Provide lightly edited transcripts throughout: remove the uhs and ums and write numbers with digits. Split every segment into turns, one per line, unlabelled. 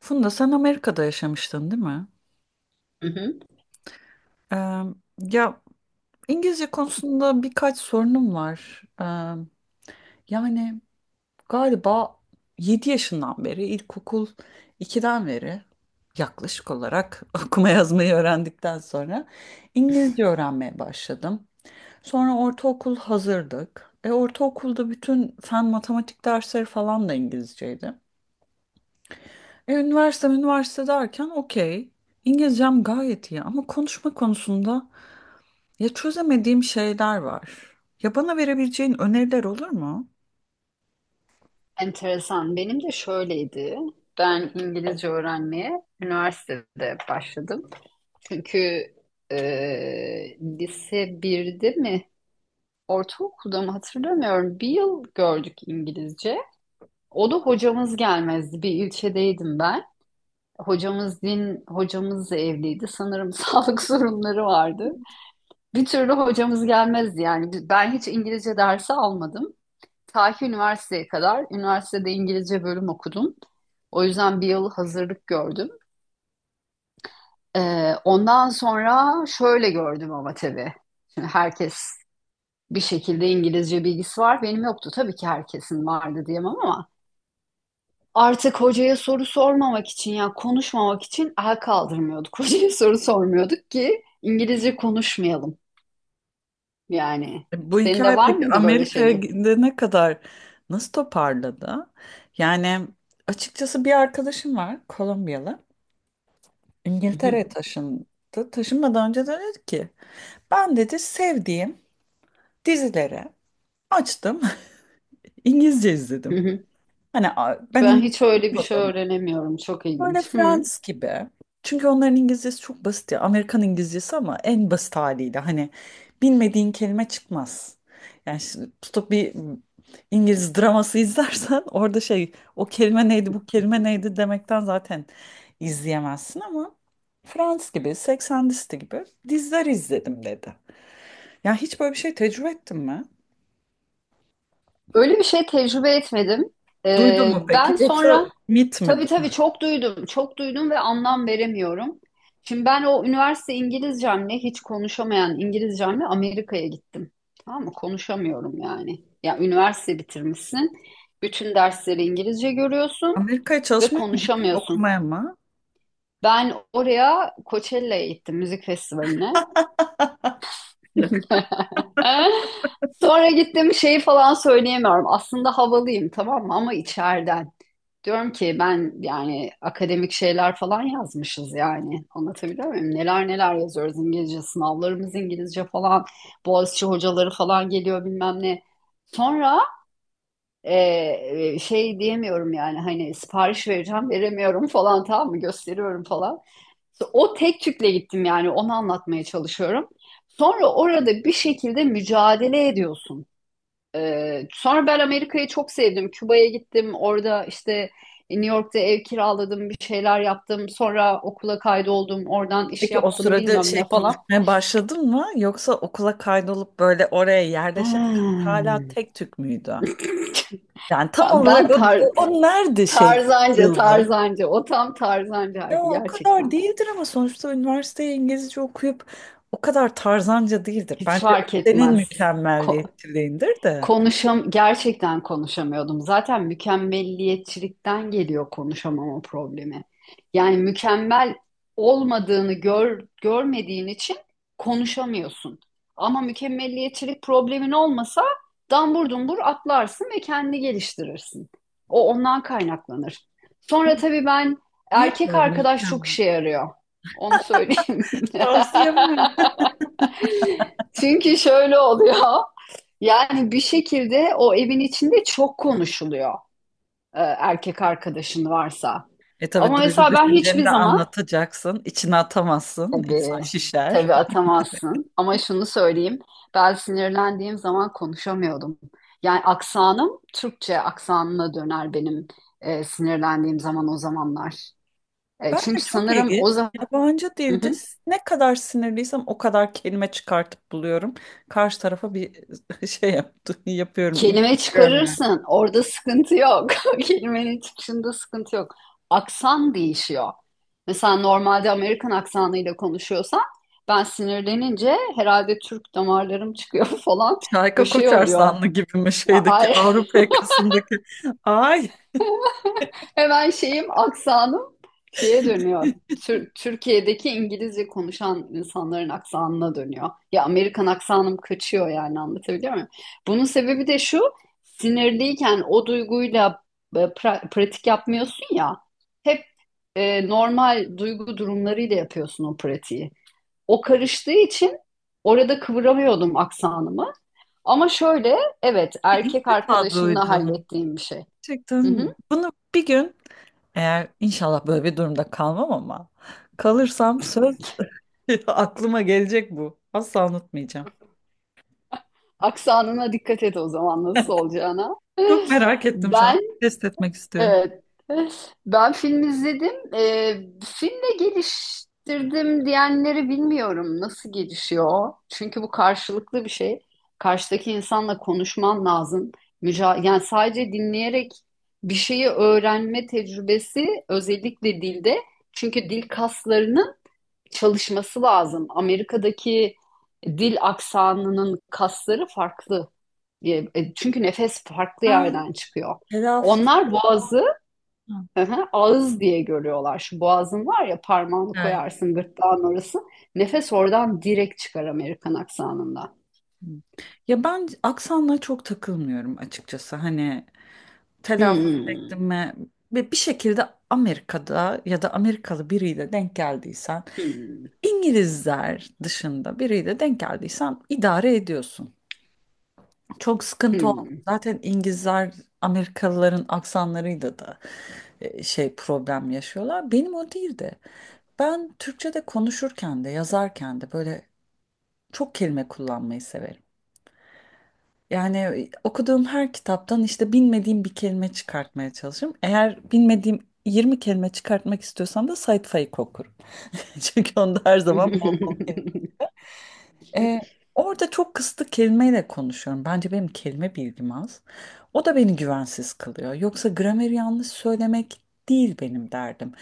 Funda sen Amerika'da yaşamıştın değil mi?
Hı hı.
Ee, ya İngilizce konusunda birkaç sorunum var. Yani galiba 7 yaşından beri ilkokul 2'den beri yaklaşık olarak okuma yazmayı öğrendikten sonra İngilizce öğrenmeye başladım. Sonra ortaokul hazırdık. Ortaokulda bütün fen matematik dersleri falan da İngilizceydi. Üniversite üniversite derken okey. İngilizcem gayet iyi ama konuşma konusunda ya çözemediğim şeyler var. Ya bana verebileceğin öneriler olur mu?
Enteresan. Benim de şöyleydi. Ben İngilizce öğrenmeye üniversitede başladım. Çünkü lise birde mi, ortaokulda mı hatırlamıyorum. Bir yıl gördük İngilizce. O da hocamız gelmezdi. Bir ilçedeydim ben. Hocamız din, hocamız da evliydi. Sanırım sağlık sorunları vardı. Bir türlü hocamız gelmezdi yani. Ben hiç İngilizce dersi almadım. Ta ki üniversiteye kadar. Üniversitede İngilizce bölüm okudum. O yüzden bir yıl hazırlık gördüm. Ondan sonra şöyle gördüm ama tabii. Şimdi herkes bir şekilde İngilizce bilgisi var. Benim yoktu. Tabii ki herkesin vardı diyemem ama artık hocaya soru sormamak için ya konuşmamak için el kaldırmıyorduk. Hocaya soru sormuyorduk ki İngilizce konuşmayalım. Yani
Bu
senin de
hikaye
var
peki
mıydı böyle
Amerika'ya
şeyin?
gidene kadar nasıl toparladı? Yani açıkçası bir arkadaşım var, Kolombiyalı.
Hı hı,
İngiltere'ye taşındı. Taşınmadan önce de dedi ki, ben dedi sevdiğim dizileri açtım, İngilizce
hı
izledim.
hı.
Ben
Ben hiç öyle bir
İngilizce.
şey öğrenemiyorum. Çok
Böyle
ilginç. Hı.
Friends gibi. Çünkü onların İngilizcesi çok basit ya. Amerikan İngilizcesi ama en basit haliyle. Hani bilmediğin kelime çıkmaz. Yani şimdi tutup bir İngiliz draması izlersen, orada şey, o kelime neydi bu kelime neydi demekten zaten izleyemezsin, ama Friends gibi 80 listi gibi diziler izledim dedi. Ya hiç böyle bir şey tecrübe ettin mi?
Öyle bir şey tecrübe etmedim.
Duydun mu peki?
Ben
Yoksa
sonra
mit mi
tabii
bu?
tabii çok duydum, çok duydum ve anlam veremiyorum. Şimdi ben o üniversite İngilizcemle hiç konuşamayan İngilizcemle Amerika'ya gittim. Tamam mı? Konuşamıyorum yani. Ya üniversite bitirmişsin, bütün dersleri İngilizce görüyorsun
Amerika'ya
ve
çalışmaya mı gittin,
konuşamıyorsun.
okumaya mı?
Ben oraya Coachella'ya gittim, müzik festivaline. Sonra gittim şeyi falan söyleyemiyorum. Aslında havalıyım, tamam mı? Ama içeriden. Diyorum ki ben yani akademik şeyler falan yazmışız yani. Anlatabiliyor muyum? Neler neler yazıyoruz, İngilizce sınavlarımız İngilizce falan. Boğaziçi hocaları falan geliyor bilmem ne. Sonra şey diyemiyorum yani, hani sipariş vereceğim, veremiyorum falan, tamam mı, gösteriyorum falan. İşte o tek tükle gittim yani, onu anlatmaya çalışıyorum. Sonra orada bir şekilde mücadele ediyorsun. Sonra ben Amerika'yı çok sevdim. Küba'ya gittim. Orada işte New York'ta ev kiraladım, bir şeyler yaptım. Sonra okula kaydoldum. Oradan iş
Peki o
yaptım,
sırada
bilmem
şey,
ne falan.
konuşmaya başladın mı? Yoksa okula kaydolup böyle oraya yerleşene kadar hala
Hmm.
tek tük müydü? Yani tam
Ha,
olarak
ben
o, o, o nerede şey
tarzanca,
kırıldı?
tarzanca. O tam
Ya
tarzancaydı
o kadar
gerçekten.
değildir ama sonuçta üniversiteye İngilizce okuyup o kadar tarzanca değildir.
Hiç
Bence
fark
senin
etmez. Ko-
mükemmelliyetçiliğindir de.
Konuşam gerçekten konuşamıyordum. Zaten mükemmelliyetçilikten geliyor konuşamama problemi. Yani mükemmel görmediğin için konuşamıyorsun. Ama mükemmelliyetçilik problemin olmasa dambur dumbur atlarsın ve kendini geliştirirsin. O ondan kaynaklanır. Sonra tabii ben,
Yok
erkek
böyle
arkadaş çok
mükemmel.
işe yarıyor. Onu söyleyeyim.
Tavsiye yapamam.
Çünkü şöyle oluyor. Yani bir şekilde o evin içinde çok konuşuluyor erkek arkadaşın varsa.
Tabii
Ama
duygu
mesela ben hiçbir
düşünceni de
zaman,
anlatacaksın. İçine atamazsın. İnsan
tabii
şişer.
tabii atamazsın. Ama şunu söyleyeyim. Ben sinirlendiğim zaman konuşamıyordum. Yani aksanım Türkçe aksanına döner benim sinirlendiğim zaman, o zamanlar.
Ben de
Çünkü
çok
sanırım
ilginç.
o zaman
Yabancı dilde ne kadar sinirliysem o kadar kelime çıkartıp buluyorum. Karşı tarafa bir şey yaptı, yapıyorum.
kelime
İlgiliyorum yani.
çıkarırsın. Orada sıkıntı yok. Kelimenin çıkışında sıkıntı yok. Aksan değişiyor. Mesela normalde Amerikan aksanıyla konuşuyorsan, ben sinirlenince herhalde Türk damarlarım çıkıyor falan.
Şarkı
Böyle şey oluyor.
Koçarsanlı gibi mi, şeydeki
A-
Avrupa yakasındaki? Ay
Hemen şeyim, aksanım şeye dönüyor. Türkiye'deki İngilizce konuşan insanların aksanına dönüyor. Ya Amerikan aksanım kaçıyor yani, anlatabiliyor muyum? Bunun sebebi de şu: sinirliyken o duyguyla pratik yapmıyorsun ya. Hep normal duygu durumlarıyla yapıyorsun o pratiği. O karıştığı için orada kıvıramıyordum aksanımı. Ama şöyle, evet,
ilk
erkek
defa
arkadaşımla
duydum.
hallettiğim bir şey.
Gerçekten bunu bir gün, eğer inşallah böyle bir durumda kalmam ama kalırsam, söz, aklıma gelecek bu. Asla unutmayacağım.
Aksanına dikkat et o zaman, nasıl olacağına.
Çok merak ettim şu an.
Ben,
Test etmek istiyorum.
evet, ben film izledim. Filmle geliştirdim diyenleri bilmiyorum nasıl gelişiyor. Çünkü bu karşılıklı bir şey. Karşıdaki insanla konuşman lazım. Yani sadece dinleyerek bir şeyi öğrenme tecrübesi, özellikle dilde. Çünkü dil kaslarının çalışması lazım. Amerika'daki dil aksanının kasları farklı. Çünkü nefes farklı
Ha,
yerden çıkıyor.
telaffuz.
Onlar boğazı, hı hı, ağız diye görüyorlar. Şu boğazın var ya, parmağını
Evet.
koyarsın gırtlağın orası. Nefes oradan direkt çıkar Amerikan aksanında.
Ya ben aksanla çok takılmıyorum açıkçası. Hani telaffuz ettim
Hmm,
mi ve bir şekilde Amerika'da ya da Amerikalı biriyle denk geldiysen,
hmm,
İngilizler dışında biriyle denk geldiysen, idare ediyorsun. Çok sıkıntı oldu.
hmm.
Zaten İngilizler Amerikalıların aksanlarıyla da şey, problem yaşıyorlar. Benim o değildi. Ben Türkçe'de konuşurken de yazarken de böyle çok kelime kullanmayı severim. Yani okuduğum her kitaptan işte bilmediğim bir kelime çıkartmaya çalışırım. Eğer bilmediğim 20 kelime çıkartmak istiyorsam da Sait Faik okurum. Çünkü onda her zaman bol bol. Ee, orada çok kısıtlı kelimeyle konuşuyorum. Bence benim kelime bilgim az. O da beni güvensiz kılıyor. Yoksa grameri yanlış söylemek değil benim derdim.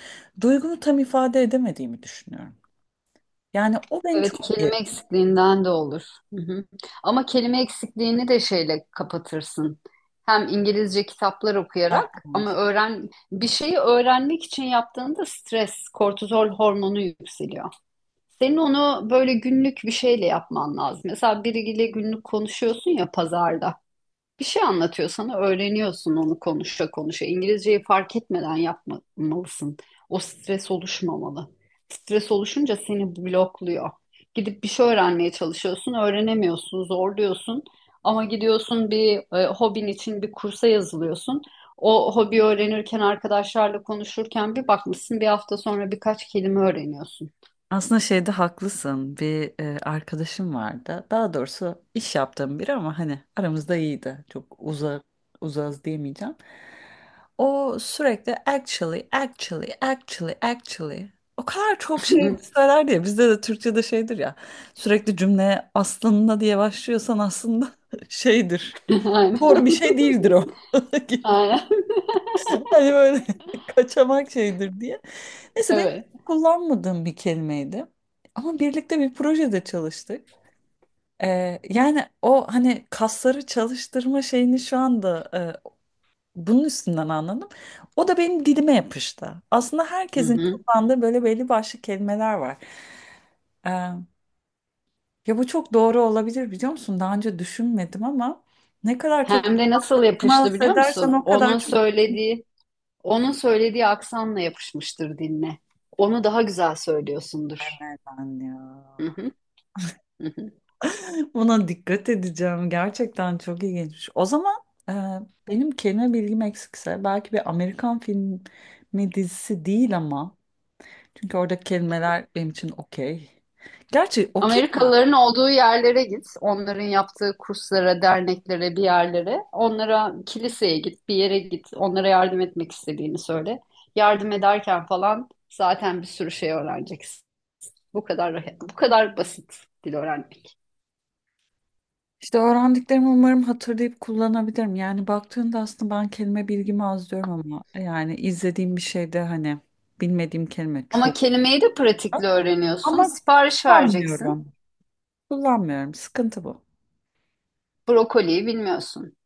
Duygumu tam ifade edemediğimi düşünüyorum. Yani o beni
Evet,
çok
kelime
geriyor.
eksikliğinden de olur. Hı hı. Ama kelime eksikliğini de şeyle kapatırsın. Hem İngilizce kitaplar okuyarak, ama öğren, bir şeyi öğrenmek için yaptığında stres, kortizol hormonu yükseliyor. Senin onu böyle günlük bir şeyle yapman lazım. Mesela biriyle günlük konuşuyorsun ya pazarda. Bir şey anlatıyor sana, öğreniyorsun onu konuşa konuşa. İngilizceyi fark etmeden yapmalısın. O stres oluşmamalı. Stres oluşunca seni blokluyor. Gidip bir şey öğrenmeye çalışıyorsun, öğrenemiyorsun, zorluyorsun. Ama gidiyorsun bir hobin için bir kursa yazılıyorsun. O hobi öğrenirken, arkadaşlarla konuşurken, bir bakmışsın bir hafta sonra birkaç kelime öğreniyorsun.
Aslında şeyde haklısın. Bir arkadaşım vardı. Daha doğrusu iş yaptığım biri ama hani aramızda iyiydi. Çok uzağız diyemeyeceğim. O sürekli actually, actually, actually, actually. O kadar çok şey söyler diye bizde de Türkçe'de şeydir ya. Sürekli cümleye aslında diye başlıyorsan, aslında şeydir. Doğru bir
Aynen.
şey değildir o.
Aynen.
Hani böyle kaçamak şeydir diye. Neyse ben
Evet.
kullanmadığım bir kelimeydi. Ama birlikte bir projede çalıştık. Yani o hani kasları çalıştırma şeyini şu anda bunun üstünden anladım. O da benim dilime yapıştı. Aslında
Hı
herkesin
hı.
kullandığı böyle belli başlı kelimeler var. Ee, ya bu çok doğru olabilir biliyor musun? Daha önce düşünmedim ama ne kadar çok
Hem de nasıl yapıştı
temas
biliyor
edersen
musun?
o kadar çok
Onun söylediği aksanla yapışmıştır, dinle. Onu daha güzel söylüyorsundur.
güven ya.
Hı hı, hı hı.
Buna dikkat edeceğim. Gerçekten çok ilginç. O zaman e, benim kelime bilgim eksikse belki bir Amerikan filmi dizisi değil, ama çünkü orada kelimeler benim için okey. Gerçi okey.
Amerikalıların olduğu yerlere git. Onların yaptığı kurslara, derneklere, bir yerlere. Onlara kiliseye git, bir yere git. Onlara yardım etmek istediğini söyle. Yardım ederken falan zaten bir sürü şey öğreneceksin. Bu kadar, bu kadar basit dil öğrenmek.
İşte öğrendiklerimi umarım hatırlayıp kullanabilirim. Yani baktığında aslında ben kelime bilgimi az diyorum ama yani izlediğim bir şeyde hani bilmediğim kelime
Ama
çok.
kelimeyi de pratikle öğreniyorsun.
Ama
Sipariş vereceksin.
kullanmıyorum. Kullanmıyorum. Sıkıntı bu.
Brokoliyi bilmiyorsun.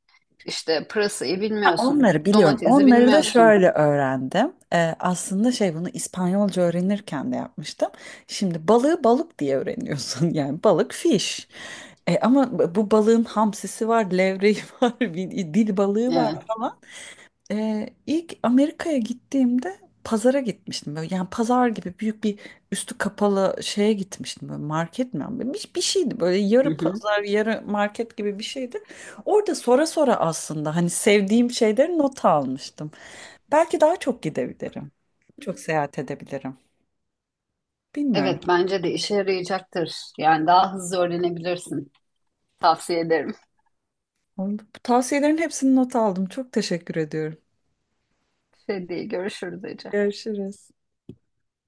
İşte pırasayı
Ha,
bilmiyorsun.
onları biliyorum.
Domatesi
Onları da
bilmiyorsun.
şöyle öğrendim. Aslında şey, bunu İspanyolca öğrenirken de yapmıştım. Şimdi balığı balık diye öğreniyorsun. Yani balık fish. Ama bu balığın hamsisi var, levreği var, bir dil balığı var
Evet.
falan. İlk Amerika'ya gittiğimde pazara gitmiştim. Böyle, yani pazar gibi büyük bir üstü kapalı şeye gitmiştim. Böyle market mi? Bir şeydi böyle,
Hı
yarı
hı.
pazar yarı market gibi bir şeydi. Orada sonra aslında hani sevdiğim şeyleri not almıştım. Belki daha çok gidebilirim. Çok seyahat edebilirim.
Evet,
Bilmiyorum.
bence de işe yarayacaktır. Yani daha hızlı öğrenebilirsin. Tavsiye ederim.
Bu tavsiyelerin hepsini not aldım. Çok teşekkür ediyorum.
Şey değil, görüşürüz Ece.
Görüşürüz.